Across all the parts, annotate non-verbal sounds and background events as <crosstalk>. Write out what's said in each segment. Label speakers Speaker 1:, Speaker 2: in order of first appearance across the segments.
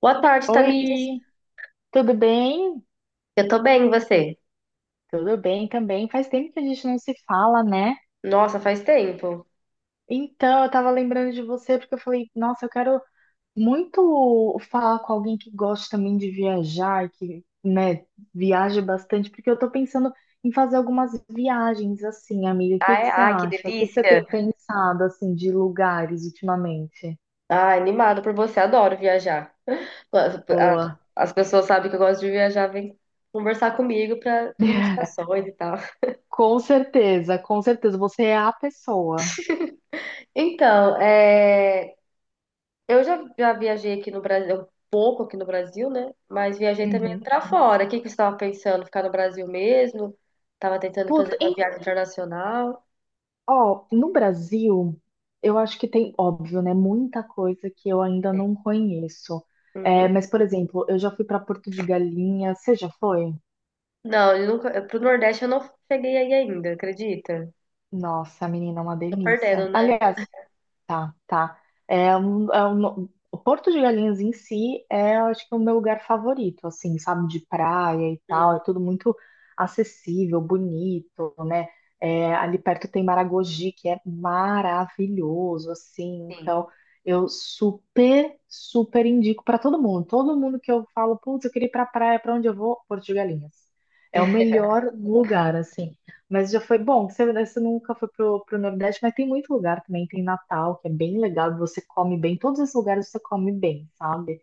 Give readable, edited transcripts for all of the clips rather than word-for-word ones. Speaker 1: Boa tarde, Tamires.
Speaker 2: Oi, tudo bem?
Speaker 1: Eu tô bem, e você?
Speaker 2: Tudo bem também. Faz tempo que a gente não se fala, né?
Speaker 1: Nossa, faz tempo.
Speaker 2: Então, eu tava lembrando de você porque eu falei, nossa, eu quero muito falar com alguém que gosta também de viajar, que, né, viaja bastante, porque eu tô pensando em fazer algumas viagens assim, amiga. O que que
Speaker 1: Ai,
Speaker 2: você
Speaker 1: ai, que
Speaker 2: acha? O que que você
Speaker 1: delícia.
Speaker 2: tem pensado assim de lugares ultimamente?
Speaker 1: Ai, animado por você, adoro viajar. As
Speaker 2: Boa.
Speaker 1: as pessoas sabem que eu gosto de viajar, vêm conversar comigo pra pedir
Speaker 2: <laughs>
Speaker 1: indicações e tal.
Speaker 2: Com certeza, você é a pessoa.
Speaker 1: Então, é, eu já viajei aqui no Brasil, um pouco aqui no Brasil, né? Mas viajei também
Speaker 2: Uhum.
Speaker 1: pra fora. O que que você estava pensando? Ficar no Brasil mesmo? Tava tentando fazer
Speaker 2: Puta,
Speaker 1: uma viagem internacional?
Speaker 2: ó, no Brasil, eu acho que tem, óbvio, né, muita coisa que eu ainda
Speaker 1: É.
Speaker 2: não conheço. É,
Speaker 1: Uhum.
Speaker 2: mas, por exemplo, eu já fui para Porto de Galinha. Você já foi?
Speaker 1: Não, eu nunca, pro Nordeste eu não cheguei aí ainda, acredita?
Speaker 2: Nossa, menina, é uma
Speaker 1: Tô perdendo,
Speaker 2: delícia.
Speaker 1: né?
Speaker 2: Aliás, tá, tá. É, o Porto de Galinhas em si é, eu acho que, o meu lugar favorito, assim, sabe, de praia e tal.
Speaker 1: Uhum,
Speaker 2: É tudo muito acessível, bonito, né? É, ali perto tem Maragogi, que é maravilhoso, assim.
Speaker 1: sim.
Speaker 2: Então, eu super, super indico para todo mundo. Todo mundo que eu falo, putz, eu queria ir pra praia, pra onde eu vou? Porto de Galinhas. É o
Speaker 1: <laughs>
Speaker 2: melhor lugar, assim. Mas já foi bom. Você nunca foi pro Nordeste, mas tem muito lugar também. Tem Natal, que é bem legal. Você come bem. Todos esses lugares você come bem, sabe?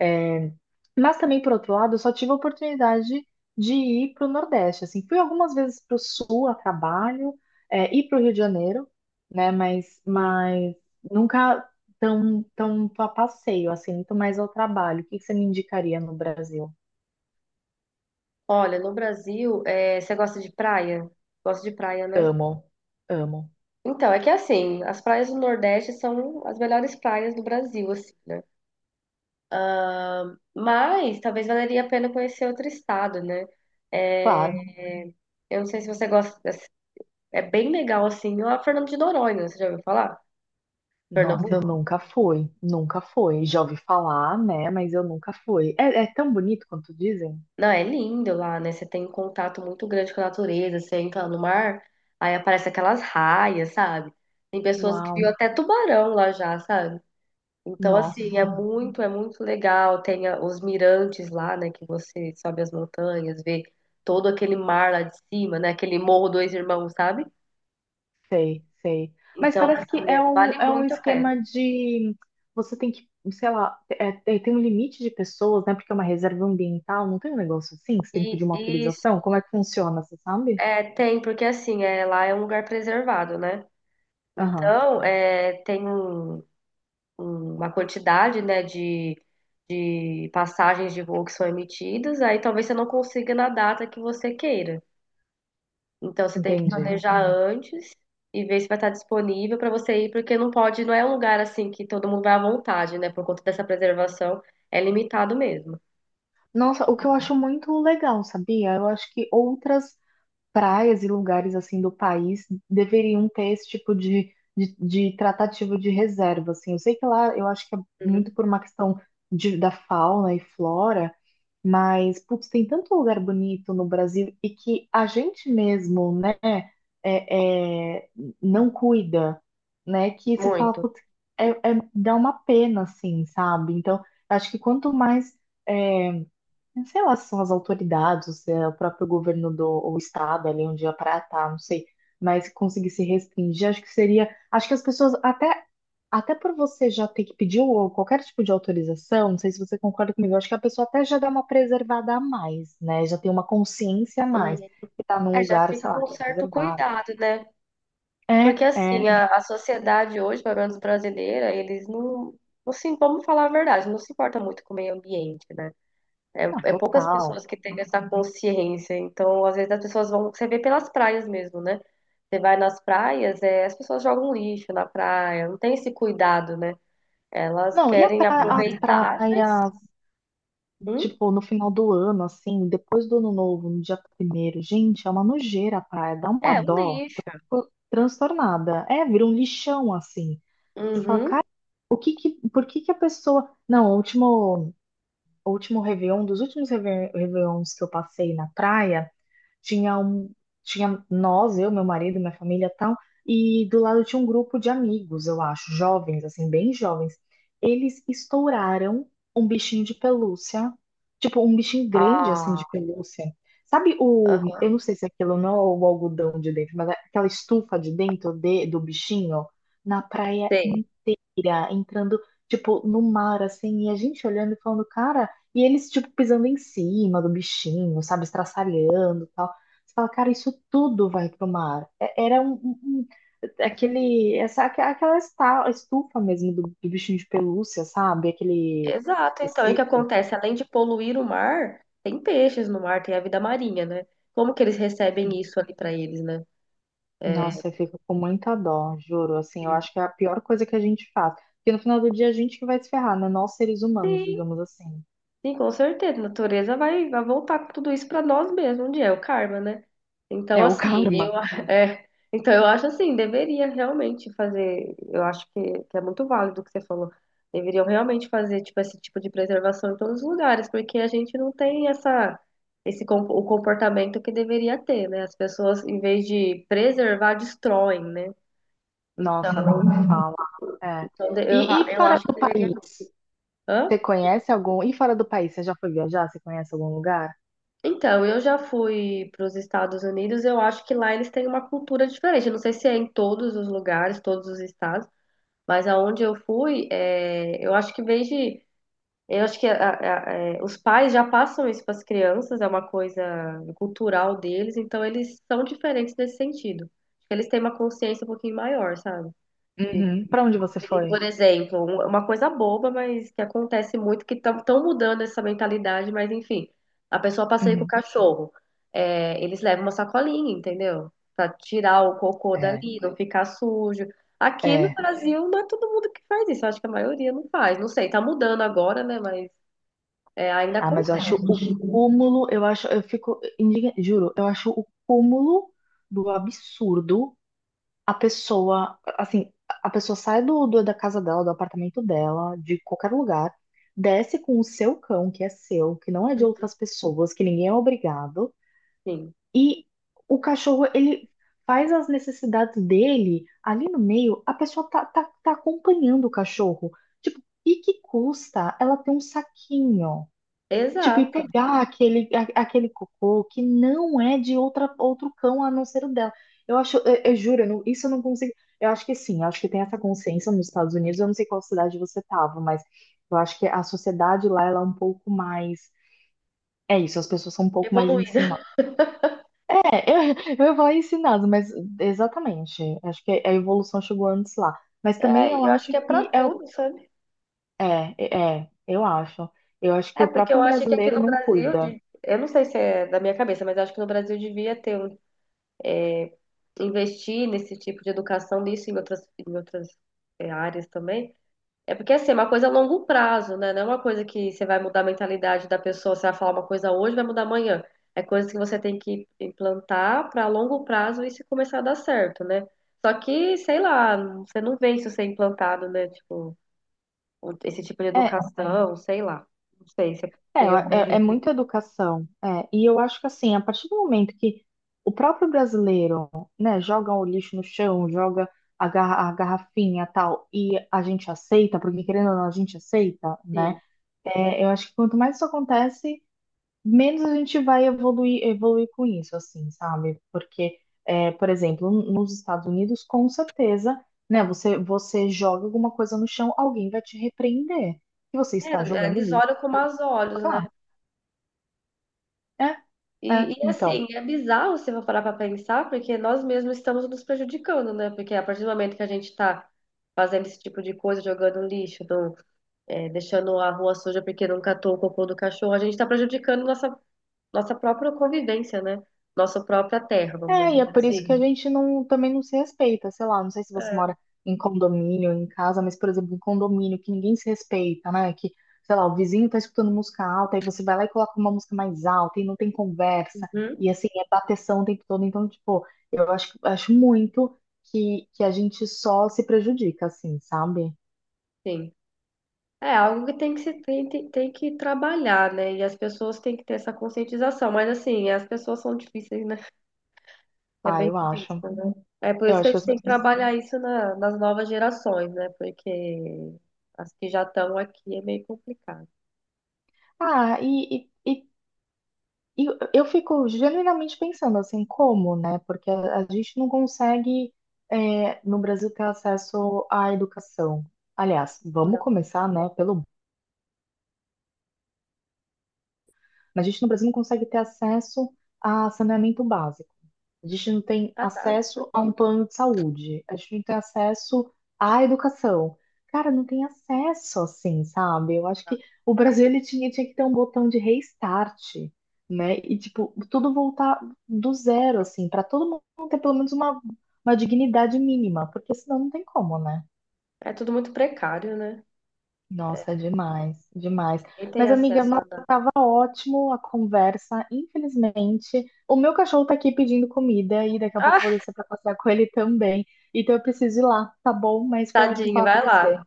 Speaker 2: É, mas também, por outro lado, eu só tive a oportunidade de ir pro Nordeste. Assim, fui algumas vezes pro Sul a trabalho, é, e pro Rio de Janeiro, né? Mas,
Speaker 1: Hum.
Speaker 2: mas nunca tão a passeio, assim, muito mais ao trabalho. O que que você me indicaria no Brasil?
Speaker 1: Olha, no Brasil, é, você gosta de praia? Gosta de praia, né?
Speaker 2: Amo, amo.
Speaker 1: Então, é que assim, as praias do Nordeste são as melhores praias do Brasil, assim, né? Mas talvez valeria a pena conhecer outro estado, né? É,
Speaker 2: Claro.
Speaker 1: eu não sei se você gosta. É bem legal, assim, a Fernando de Noronha, você já ouviu falar?
Speaker 2: Nossa, eu
Speaker 1: Pernambuco?
Speaker 2: nunca fui, nunca fui. Já ouvi falar, né? Mas eu nunca fui. É, é tão bonito quanto dizem?
Speaker 1: Não, é lindo lá, né? Você tem um contato muito grande com a natureza, você entra no mar, aí aparece aquelas raias, sabe? Tem pessoas que viu
Speaker 2: Uau,
Speaker 1: até tubarão lá já, sabe? Então, assim, é
Speaker 2: nossa,
Speaker 1: muito, é muito legal. Tem os mirantes lá, né? Que você sobe as montanhas, vê todo aquele mar lá de cima, né? Aquele Morro Dois Irmãos, sabe?
Speaker 2: sei, sei. Mas
Speaker 1: Então,
Speaker 2: parece que
Speaker 1: assim,
Speaker 2: é um,
Speaker 1: vale
Speaker 2: é um
Speaker 1: muito a pena.
Speaker 2: esquema de. Você tem que, sei lá, tem um limite de pessoas, né? Porque é uma reserva ambiental, não tem um negócio assim? Que você tem que
Speaker 1: E
Speaker 2: pedir uma
Speaker 1: e isso,
Speaker 2: autorização? Como é que funciona, você sabe?
Speaker 1: é, tem, porque assim, é, lá é um lugar preservado, né?
Speaker 2: Aham,
Speaker 1: Então, é, uma quantidade, né, de passagens de voo que são emitidas, aí talvez você não consiga na data que você queira. Então você tem que
Speaker 2: entendi.
Speaker 1: planejar antes e ver se vai estar disponível para você ir, porque não pode, não é um lugar assim que todo mundo vai à vontade, né? Por conta dessa preservação, é limitado mesmo.
Speaker 2: Nossa, o que eu acho muito legal, sabia? Eu acho que outras praias e lugares assim do país deveriam ter esse tipo de tratativa de reserva, assim. Eu sei que lá, eu acho que é
Speaker 1: Uhum.
Speaker 2: muito por uma questão de, da fauna e flora, mas, putz, tem tanto lugar bonito no Brasil e que a gente mesmo, né, é, é, não cuida, né, que você fala,
Speaker 1: Muito.
Speaker 2: putz, dá uma pena, assim, sabe? Então, acho que quanto mais... é, sei lá se são as autoridades, se é o próprio governo do ou o estado ali onde a praia tá, não sei, mas conseguir se restringir, acho que seria, acho que as pessoas até até por você já ter que pedir ou qualquer tipo de autorização, não sei se você concorda comigo, acho que a pessoa até já dá uma preservada a mais, né? Já tem uma consciência a
Speaker 1: Uhum.
Speaker 2: mais que tá num
Speaker 1: É, já
Speaker 2: lugar,
Speaker 1: fica
Speaker 2: sei lá,
Speaker 1: com um
Speaker 2: que é
Speaker 1: certo
Speaker 2: reservado.
Speaker 1: cuidado, né? Porque
Speaker 2: É,
Speaker 1: assim,
Speaker 2: é,
Speaker 1: a sociedade hoje, pelo menos brasileira, eles não, não se, vamos falar a verdade, não se importa muito com o meio ambiente, né? É,
Speaker 2: não,
Speaker 1: é poucas
Speaker 2: total.
Speaker 1: pessoas que têm essa consciência. Então, às vezes as pessoas vão. Você vê pelas praias mesmo, né? Você vai nas praias, é, as pessoas jogam lixo na praia, não tem esse cuidado, né? Elas
Speaker 2: Não,
Speaker 1: querem
Speaker 2: as
Speaker 1: aproveitar, mas
Speaker 2: praias.
Speaker 1: hum,
Speaker 2: Tipo, no final do ano, assim, depois do ano novo, no dia primeiro, gente, é uma nojeira, praia, dá uma
Speaker 1: é um
Speaker 2: dó.
Speaker 1: lixo.
Speaker 2: Eu fico transtornada. É, vira um lixão, assim. Você fala,
Speaker 1: Uhum.
Speaker 2: cara, o que que, por que que a pessoa. Não, o último Réveillon, dos últimos Réveillons que eu passei na praia tinha um, tinha nós, eu, meu marido, minha família, tal, e do lado tinha um grupo de amigos, eu acho, jovens, assim, bem jovens. Eles estouraram um bichinho de pelúcia, tipo um bichinho grande assim de
Speaker 1: Ah,
Speaker 2: pelúcia. Sabe o,
Speaker 1: aham.
Speaker 2: eu não sei se aquilo não é o algodão de dentro, mas é aquela estufa de dentro de, do bichinho na praia
Speaker 1: Sei.
Speaker 2: inteira, entrando tipo no mar assim, e a gente olhando e falando, cara, e eles tipo pisando em cima do bichinho, sabe, estraçalhando, tal. Você fala, cara, isso tudo vai pro mar. Era aquela estufa mesmo do, do bichinho de pelúcia, sabe? Aquele
Speaker 1: Exato. Então, e o que
Speaker 2: tecido.
Speaker 1: acontece? Além de poluir o mar, tem peixes no mar, tem a vida marinha, né? Como que eles recebem isso ali pra eles, né? É,
Speaker 2: Nossa, eu fico com muita dó, juro. Assim, eu acho que é a pior coisa que a gente faz. Porque no final do dia a gente que vai se ferrar, né? Nós seres humanos,
Speaker 1: Sim.
Speaker 2: digamos assim.
Speaker 1: Sim, com certeza. A natureza vai voltar com tudo isso para nós mesmos um dia, é o karma, né? Então,
Speaker 2: É o
Speaker 1: assim,
Speaker 2: karma.
Speaker 1: <laughs> é, então, eu acho assim, deveria realmente fazer, eu acho que é muito válido o que você falou. Deveriam realmente fazer, tipo, esse tipo de preservação em todos os lugares, porque a gente não tem o comportamento que deveria ter, né? As pessoas, em vez de preservar, destroem, né? Então,
Speaker 2: Nossa, nem me fala. É.
Speaker 1: então,
Speaker 2: E, e
Speaker 1: eu
Speaker 2: fora
Speaker 1: acho que
Speaker 2: do
Speaker 1: deveria.
Speaker 2: país, você
Speaker 1: Hã?
Speaker 2: conhece algum? E fora do país, você já foi viajar? Você conhece algum lugar?
Speaker 1: Então, eu já fui para os Estados Unidos, eu acho que lá eles têm uma cultura diferente. Eu não sei se é em todos os lugares, todos os estados, mas aonde eu fui, é, eu acho que desde, eu acho que é, os pais já passam isso para as crianças, é uma coisa cultural deles, então eles são diferentes nesse sentido. Eles têm uma consciência um pouquinho maior, sabe?
Speaker 2: Uhum. Para onde você foi?
Speaker 1: Por exemplo, uma coisa boba, mas que acontece muito, que estão mudando essa mentalidade, mas enfim, a pessoa passeia com o
Speaker 2: Uhum.
Speaker 1: cachorro. É, eles levam uma sacolinha, entendeu? Pra tirar o cocô
Speaker 2: É.
Speaker 1: dali, não ficar sujo. Aqui no
Speaker 2: É.
Speaker 1: Brasil não é todo mundo que faz isso, acho que a maioria não faz. Não sei, tá mudando agora, né? Mas é, ainda
Speaker 2: Ah, mas eu
Speaker 1: acontece.
Speaker 2: acho o cúmulo, eu acho, eu fico indigna, juro, eu acho o cúmulo do absurdo a pessoa, assim, a pessoa sai do, da casa dela, do apartamento dela, de qualquer lugar, desce com o seu cão, que é seu, que não é de outras pessoas, que ninguém é obrigado,
Speaker 1: Sim.
Speaker 2: e o cachorro, ele faz as necessidades dele ali no meio, a pessoa tá acompanhando o cachorro. Tipo, e que custa ela ter um saquinho? Tipo, e
Speaker 1: Exato,
Speaker 2: pegar aquele, aquele cocô que não é de outra, outro cão a não ser o dela. Eu acho, eu juro, eu não- isso eu não consigo. Eu acho que sim, eu acho que tem essa consciência nos Estados Unidos. Eu não sei qual cidade você estava, mas eu acho que a sociedade lá ela é um pouco mais. É isso, as pessoas são um pouco mais
Speaker 1: evoluída. <laughs>
Speaker 2: ensinadas. É, eu ia falar ensinadas, mas exatamente. Acho que a evolução chegou antes lá. Mas também
Speaker 1: É,
Speaker 2: eu
Speaker 1: e eu acho
Speaker 2: acho
Speaker 1: que é
Speaker 2: que
Speaker 1: pra
Speaker 2: é, o-
Speaker 1: tudo, sabe?
Speaker 2: é, é, eu acho. Eu acho que
Speaker 1: É,
Speaker 2: o
Speaker 1: porque
Speaker 2: próprio
Speaker 1: eu acho que aqui
Speaker 2: brasileiro
Speaker 1: no
Speaker 2: não
Speaker 1: Brasil,
Speaker 2: cuida.
Speaker 1: eu não sei se é da minha cabeça, mas eu acho que no Brasil devia ter investir nesse tipo de educação, nisso em em outras é, áreas também. É porque assim, é uma coisa a longo prazo, né? Não é uma coisa que você vai mudar a mentalidade da pessoa, você vai falar uma coisa hoje, vai mudar amanhã. É coisa que você tem que implantar para longo prazo e se começar a dar certo, né? Só que, sei lá, você não vê isso ser implantado, né? Tipo, esse tipo de
Speaker 2: É.
Speaker 1: educação, sei lá. Não sei se
Speaker 2: É,
Speaker 1: eu vejo
Speaker 2: é muita educação. É. E eu acho que assim, a partir do momento que o próprio brasileiro, né, joga o lixo no chão, joga a, a garrafinha tal, e a gente aceita, porque querendo ou não, a gente aceita, né?
Speaker 1: assim.
Speaker 2: É, eu acho que quanto mais isso acontece, menos a gente vai evoluir, evoluir com isso, assim, sabe? Porque, é, por exemplo, nos Estados Unidos, com certeza, né, você joga alguma coisa no chão, alguém vai te repreender que você está
Speaker 1: É,
Speaker 2: jogando
Speaker 1: eles
Speaker 2: lixo.
Speaker 1: olham com maus olhos, né?
Speaker 2: É,
Speaker 1: E,
Speaker 2: então.
Speaker 1: assim, é bizarro se eu for parar para pensar, porque nós mesmos estamos nos prejudicando, né? Porque a partir do momento que a gente está fazendo esse tipo de coisa, jogando lixo, é, deixando a rua suja porque não catou o cocô do cachorro, a gente está prejudicando nossa, nossa própria convivência, né? Nossa própria terra, vamos
Speaker 2: É, e
Speaker 1: dizer
Speaker 2: é por isso que a
Speaker 1: assim.
Speaker 2: gente não, também não se respeita, sei lá, não sei se você mora em condomínio, em casa, mas, por exemplo, em condomínio que ninguém se respeita, né? Que, sei lá, o vizinho tá escutando música alta, aí você vai lá e coloca uma música mais alta e não tem conversa,
Speaker 1: Uhum,
Speaker 2: e assim, é bateção o tempo todo. Então, tipo, eu acho, acho muito que a gente só se prejudica, assim, sabe?
Speaker 1: sim. É algo que tem que se tem, tem, tem que trabalhar, né? E as pessoas têm que ter essa conscientização. Mas assim, as pessoas são difíceis, né? É
Speaker 2: Ah,
Speaker 1: bem
Speaker 2: eu acho.
Speaker 1: difícil, né? É por
Speaker 2: Eu
Speaker 1: isso que a
Speaker 2: acho que
Speaker 1: gente
Speaker 2: as
Speaker 1: tem que
Speaker 2: pessoas.
Speaker 1: trabalhar isso nas novas gerações, né? Porque as que já estão aqui é meio complicado.
Speaker 2: Ah, e, e, e eu fico genuinamente pensando assim, como, né? Porque a gente não consegue, é, no Brasil, ter acesso à educação. Aliás, vamos
Speaker 1: Não,
Speaker 2: começar, né, pelo. Mas a gente no Brasil não consegue ter acesso a saneamento básico. A gente não tem
Speaker 1: tá dado.
Speaker 2: acesso a um plano de saúde. A gente não tem acesso à educação. Cara, não tem acesso assim, sabe? Eu acho que o Brasil ele tinha, tinha que ter um botão de restart, né? E tipo, tudo voltar do zero assim, para todo mundo ter pelo menos uma dignidade mínima, porque senão não tem como, né?
Speaker 1: É tudo muito precário, né?
Speaker 2: Nossa, é demais, demais.
Speaker 1: Quem tem
Speaker 2: Mas, amiga,
Speaker 1: acesso
Speaker 2: nossa,
Speaker 1: a nada.
Speaker 2: tava ótimo a conversa. Infelizmente, o meu cachorro tá aqui pedindo comida e daqui a pouco
Speaker 1: Ah,
Speaker 2: eu vou descer pra passear com ele também. Então eu preciso ir lá, tá bom? Mas foi ótimo
Speaker 1: tadinho,
Speaker 2: falar com
Speaker 1: vai lá.
Speaker 2: você.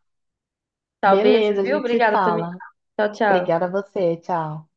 Speaker 1: Tchau, beijo,
Speaker 2: Beleza, a
Speaker 1: viu?
Speaker 2: gente se
Speaker 1: Obrigada também.
Speaker 2: fala.
Speaker 1: Tchau, tchau.
Speaker 2: Obrigada a você, tchau.